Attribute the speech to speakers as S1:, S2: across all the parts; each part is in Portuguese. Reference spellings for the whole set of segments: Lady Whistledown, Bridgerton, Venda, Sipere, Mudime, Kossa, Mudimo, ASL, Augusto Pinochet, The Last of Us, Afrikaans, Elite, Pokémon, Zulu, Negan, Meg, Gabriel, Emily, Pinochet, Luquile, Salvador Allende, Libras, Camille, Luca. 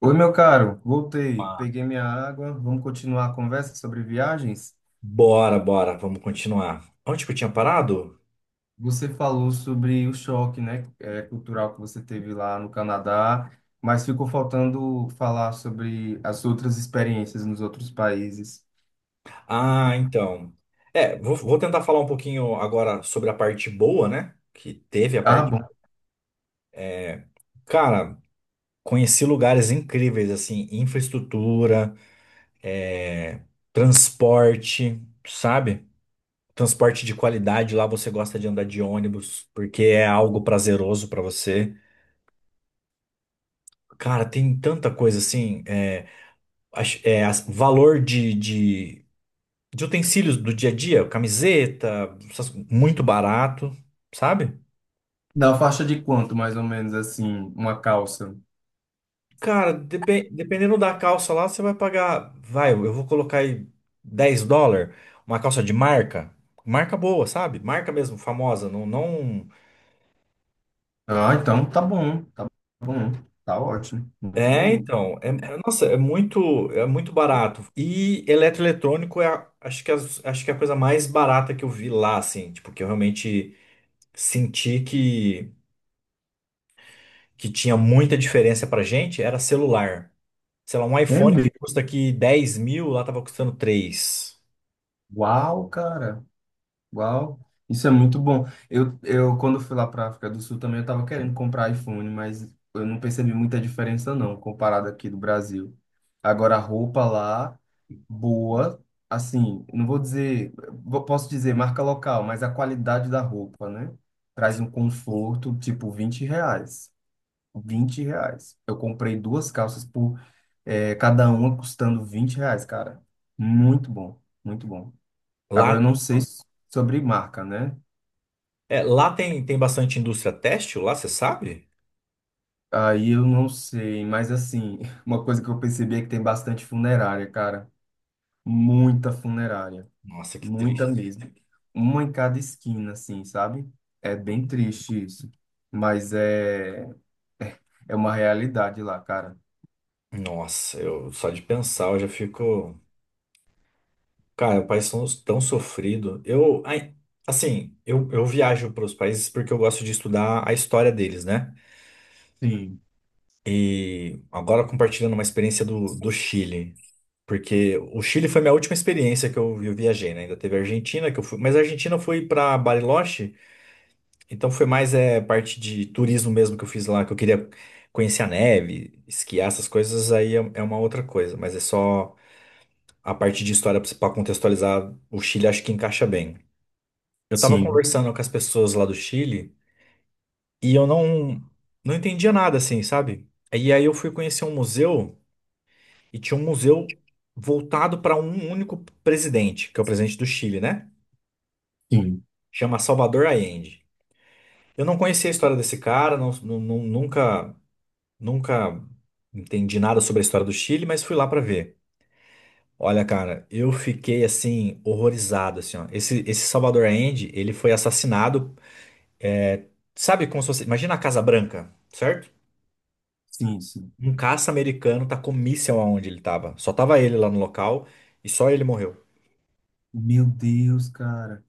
S1: Oi, meu caro, voltei,
S2: Ah,
S1: peguei minha água. Vamos continuar a conversa sobre viagens?
S2: bora, bora, vamos continuar. Onde que eu tinha parado?
S1: Você falou sobre o choque, né, cultural que você teve lá no Canadá, mas ficou faltando falar sobre as outras experiências nos outros países.
S2: Ah, então. Vou tentar falar um pouquinho agora sobre a parte boa, né? Que teve a
S1: Ah,
S2: parte.
S1: bom.
S2: Cara, conheci lugares incríveis, assim, infraestrutura, é, transporte, sabe? Transporte de qualidade, lá você gosta de andar de ônibus, porque é algo prazeroso pra você. Cara, tem tanta coisa assim, valor de utensílios do dia a dia, camiseta, muito barato, sabe?
S1: Da faixa de quanto, mais ou menos, assim, uma calça?
S2: Cara, dependendo da calça lá, você vai pagar, vai, eu vou colocar aí 10 dólares, uma calça de marca, marca boa, sabe? Marca mesmo, famosa, não, não...
S1: Ah, então tá bom, tá bom, tá ótimo, muito bom.
S2: Nossa, é muito barato. E eletroeletrônico acho que é a coisa mais barata que eu vi lá, assim, tipo, que eu realmente senti que tinha muita diferença pra gente, era celular. Sei lá, um
S1: É
S2: iPhone que
S1: mesmo?
S2: custa aqui 10.000, lá tava custando três.
S1: Uau, cara. Uau, isso é muito bom. Eu quando fui lá para África do Sul também eu estava querendo comprar iPhone, mas eu não percebi muita diferença não, comparado aqui do Brasil. Agora a roupa lá, boa, assim, não vou dizer, posso dizer marca local, mas a qualidade da roupa, né? Traz um conforto, tipo 20 reais. 20 reais. Eu comprei duas calças por, cada uma custando 20 reais, cara. Muito bom, muito bom.
S2: Lá,
S1: Agora, eu não sei s- sobre marca, né?
S2: lá tem, tem bastante indústria têxtil, lá você sabe?
S1: Aí eu não sei, mas assim, uma coisa que eu percebi é que tem bastante funerária, cara. Muita funerária.
S2: Nossa, que
S1: Muita
S2: triste.
S1: mesmo. Uma em cada esquina, assim, sabe? É bem triste isso. Mas é, é uma realidade lá, cara.
S2: Nossa, eu só de pensar eu já fico. Cara, o país tão, tão sofrido. Eu, ai, assim, eu viajo para os países porque eu gosto de estudar a história deles, né?
S1: Sim,
S2: E agora compartilhando uma experiência do Chile. Porque o Chile foi minha última experiência que eu viajei, né? Ainda teve a Argentina, que eu fui. Mas a Argentina eu fui para Bariloche. Então foi mais parte de turismo mesmo que eu fiz lá, que eu queria conhecer a neve, esquiar essas coisas, aí é uma outra coisa, mas é só a parte de história para contextualizar o Chile, acho que encaixa bem. Eu tava
S1: sim,
S2: conversando com as pessoas lá do Chile e eu não não entendia nada assim, sabe? E aí eu fui conhecer um museu e tinha um museu voltado para um único presidente, que é o presidente do Chile, né?
S1: sim,
S2: Chama Salvador Allende. Eu não conhecia a história desse cara, nunca entendi nada sobre a história do Chile, mas fui lá pra ver. Olha, cara, eu fiquei assim horrorizado assim, ó. Esse Salvador Allende, ele foi assassinado, sabe como se fosse, imagina a Casa Branca, certo?
S1: sim, sim.
S2: Um caça americano tacou míssil aonde ele tava. Só tava ele lá no local e só ele morreu.
S1: Meu Deus, cara.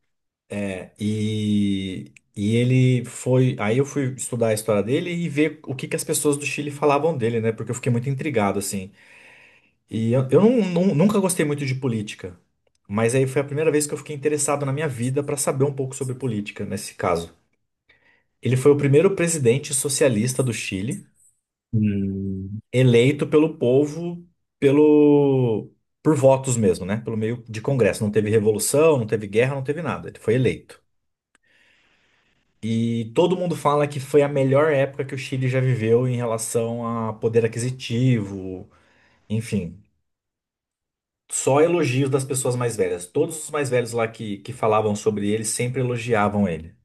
S2: E ele foi. Aí eu fui estudar a história dele e ver o que que as pessoas do Chile falavam dele, né? Porque eu fiquei muito intrigado, assim. E eu não- nu- nunca gostei muito de política, mas aí foi a primeira vez que eu fiquei interessado na minha vida para saber um pouco sobre política, nesse caso. Ele foi o primeiro presidente socialista do Chile,
S1: Hum,
S2: eleito pelo povo, pelo por votos mesmo, né? Pelo meio de congresso. Não teve revolução, não teve guerra, não teve nada. Ele foi eleito. E todo mundo fala que foi a melhor época que o Chile já viveu em relação a poder aquisitivo, enfim. Só elogios das pessoas mais velhas. Todos os mais velhos lá que falavam sobre ele sempre elogiavam ele.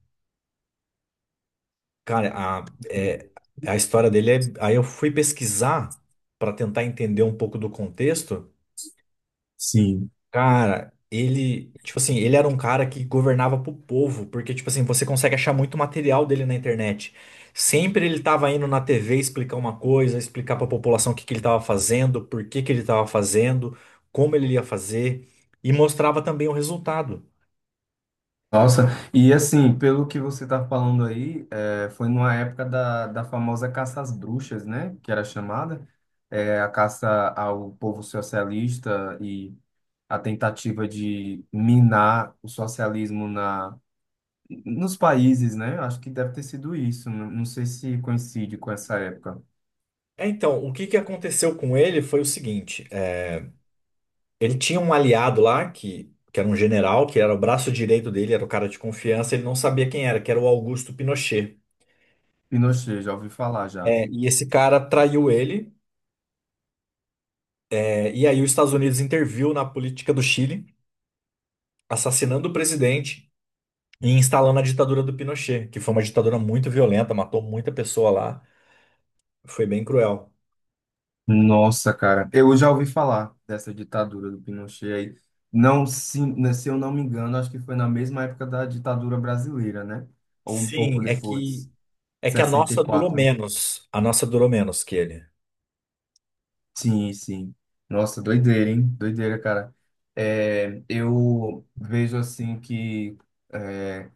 S2: Cara, a história dele é. Aí eu fui pesquisar pra tentar entender um pouco do contexto.
S1: sim.
S2: Cara, ele. Tipo assim, ele era um cara que governava pro povo, porque, tipo assim, você consegue achar muito material dele na internet. Sempre ele tava indo na TV explicar uma coisa, explicar pra população o que que ele tava fazendo, por que que ele tava fazendo, como ele ia fazer, e mostrava também o resultado.
S1: Nossa, e assim, pelo que você está falando aí, foi numa época da, da famosa caça às bruxas, né? Que era chamada, é, a caça ao povo socialista e a tentativa de minar o socialismo na, nos países, né? Acho que deve ter sido isso, não, não sei se coincide com essa época.
S2: É, então, o que que aconteceu com ele foi o seguinte: ele tinha um aliado lá, que era um general, que era o braço direito dele, era o cara de confiança, ele não sabia quem era, que era o Augusto Pinochet.
S1: Pinochet, já ouvi falar já.
S2: É, e esse cara traiu ele, e aí os Estados Unidos interviu na política do Chile, assassinando o presidente e instalando a ditadura do Pinochet, que foi uma ditadura muito violenta, matou muita pessoa lá, foi bem cruel.
S1: Nossa, cara, eu já ouvi falar dessa ditadura do Pinochet aí. Não, se, né, se eu não me engano, acho que foi na mesma época da ditadura brasileira, né? Ou um pouco
S2: Sim,
S1: depois,
S2: é que a
S1: sessenta e
S2: nossa durou
S1: quatro.
S2: menos, a nossa durou menos que ele.
S1: Sim, sim. Nossa, doideira, hein? Doideira, cara. É, eu vejo assim que é,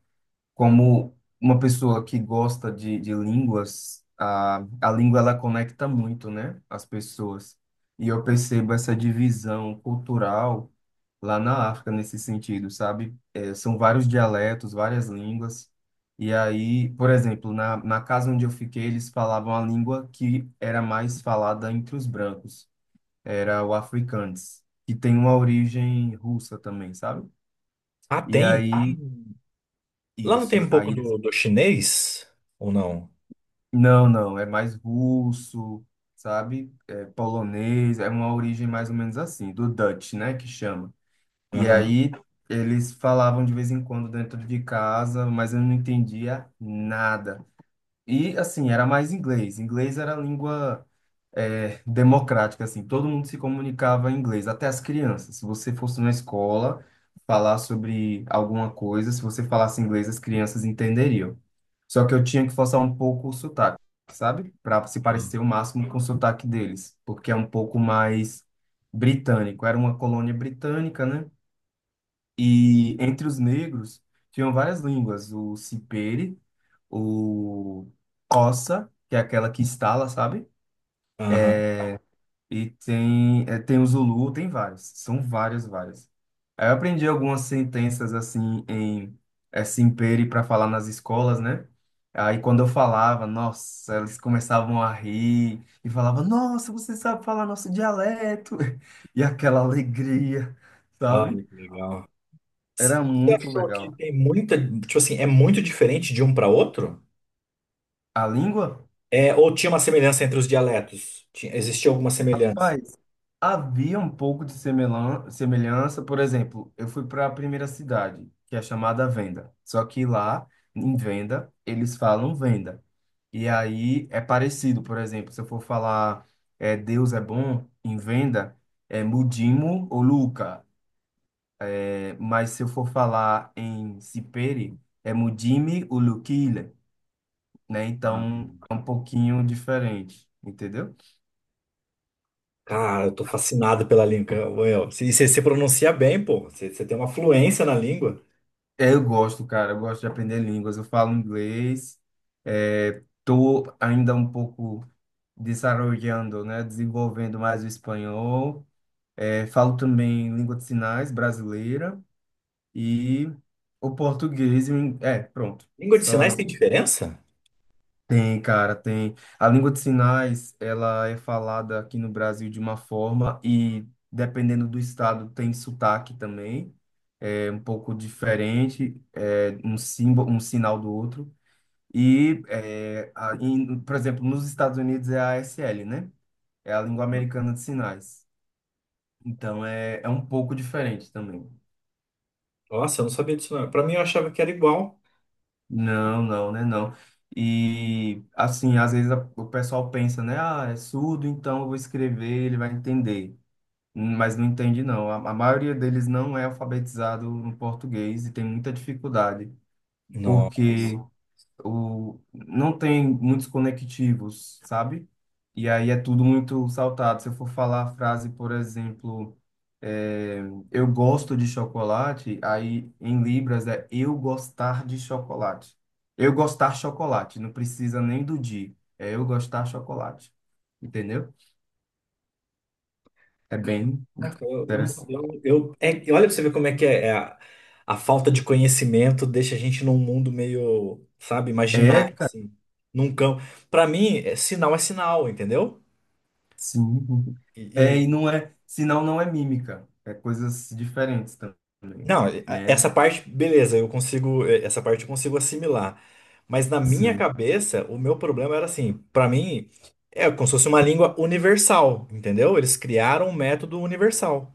S1: como uma pessoa que gosta de línguas, a língua ela conecta muito, né, as pessoas. E eu percebo essa divisão cultural lá na África nesse sentido, sabe? É, são vários dialetos, várias línguas. E aí, por exemplo, na, na casa onde eu fiquei, eles falavam a língua que era mais falada entre os brancos, era o afrikaans, que tem uma origem russa também, sabe?
S2: Ah,
S1: E
S2: tem?
S1: aí,
S2: Tem. Lá não tem
S1: isso.
S2: um pouco
S1: Aí
S2: do chinês? Ou não?
S1: não, não, é mais russo, sabe? É polonês, é uma origem mais ou menos assim, do Dutch, né, que chama. E
S2: Aham,
S1: aí eles falavam de vez em quando dentro de casa, mas eu não entendia nada. E assim, era mais inglês. Inglês era a língua democrática, assim, todo mundo se comunicava em inglês, até as crianças. Se você fosse na escola falar sobre alguma coisa, se você falasse inglês, as crianças entenderiam. Só que eu tinha que forçar um pouco o sotaque, sabe? Para se parecer o máximo com o sotaque deles, porque é um pouco mais britânico. Era uma colônia britânica, né? E entre os negros tinham várias línguas, o Sipere, o Kossa, que é aquela que estala, sabe?
S2: aham.
S1: E tem, é, tem o Zulu, tem vários. São várias, várias. Aí eu aprendi algumas sentenças assim em Simpere para falar nas escolas, né? Aí quando eu falava, nossa, eles começavam a rir e falavam, nossa, você sabe falar nosso dialeto. E aquela alegria,
S2: Ah,
S1: sabe?
S2: que legal. Você
S1: Era muito
S2: achou que
S1: legal.
S2: tem muita. Tipo assim, é muito diferente de um para outro?
S1: A língua?
S2: É, ou tinha uma semelhança entre os dialetos? Existia alguma semelhança?
S1: Havia um pouco de semelhança, por exemplo, eu fui para a primeira cidade, que é chamada Venda. Só que lá, em Venda, eles falam Venda. E aí é parecido, por exemplo, se eu for falar Deus é bom em Venda, é Mudimo ou Luca. É, mas se eu for falar em Sipere, é Mudime ou Luquile, né?
S2: Ah,
S1: Então é um pouquinho diferente, entendeu?
S2: cara, eu tô fascinado pela língua. Well, você se pronuncia bem, pô. Você tem uma fluência na língua.
S1: É, eu gosto, cara, eu gosto de aprender línguas. Eu falo inglês, é, tô ainda um pouco desarrollando, né, desenvolvendo mais o espanhol. É, falo também língua de sinais brasileira e o português. É, pronto.
S2: Língua de
S1: Só
S2: sinais tem diferença?
S1: tem, cara, tem. A língua de sinais, ela é falada aqui no Brasil de uma forma e dependendo do estado tem sotaque também. É um pouco diferente, é um símbolo, um sinal do outro. E, é, por exemplo, nos Estados Unidos é a ASL, né? É a língua americana de sinais. Então é, é um pouco diferente também.
S2: Nossa, eu não sabia disso não. Pra mim eu achava que era igual.
S1: Não, não, né? Não. E, assim, às vezes o pessoal pensa, né? Ah, é surdo, então eu vou escrever, ele vai entender. Mas não entende, não. A maioria deles não é alfabetizado no português e tem muita dificuldade,
S2: Nossa.
S1: porque o, não tem muitos conectivos, sabe? E aí é tudo muito saltado. Se eu for falar a frase, por exemplo, é, eu gosto de chocolate, aí em Libras é eu gostar de chocolate. Eu gostar chocolate, não precisa nem do de, é eu gostar chocolate. Entendeu? É bem
S2: Caraca, eu não
S1: interessante.
S2: sabia. Olha pra você ver como é que é, a falta de conhecimento deixa a gente num mundo meio, sabe,
S1: É,
S2: imaginário,
S1: cara,
S2: assim, num campo. Pra mim, sinal é sinal, entendeu?
S1: sim.
S2: E,
S1: É, e
S2: e-
S1: não é, senão não é mímica, é coisas diferentes também,
S2: não, e- a-
S1: né?
S2: essa parte, beleza, eu consigo, essa parte eu consigo assimilar. Mas na minha
S1: Sim.
S2: cabeça, o meu problema era assim, pra mim, é como se fosse uma língua universal, entendeu? Eles criaram um método universal.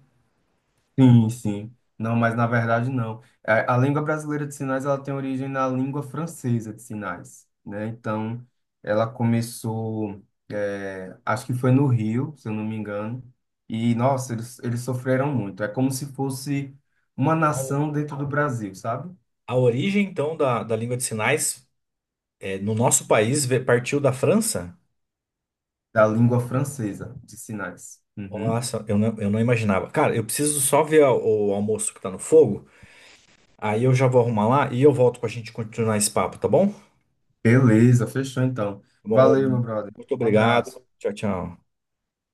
S1: Sim, sim. Não, mas na verdade não. É, a língua brasileira de sinais ela tem origem na língua francesa de sinais, né? Então, ela começou, é, acho que foi no Rio, se eu não me engano. E, nossa, eles sofreram muito. É como se fosse uma
S2: A, o-
S1: nação dentro do Brasil, sabe?
S2: a origem, então, da língua de sinais. É, no nosso país, partiu da França?
S1: Da língua francesa de sinais. Uhum.
S2: Nossa, eu não imaginava. Cara, eu preciso só ver o almoço que tá no fogo. Aí eu já vou arrumar lá e eu volto pra gente continuar esse papo, tá bom? Tá
S1: Beleza, fechou então.
S2: Bom,
S1: Valeu, meu brother.
S2: muito
S1: Um
S2: obrigado.
S1: abraço.
S2: Tchau, tchau.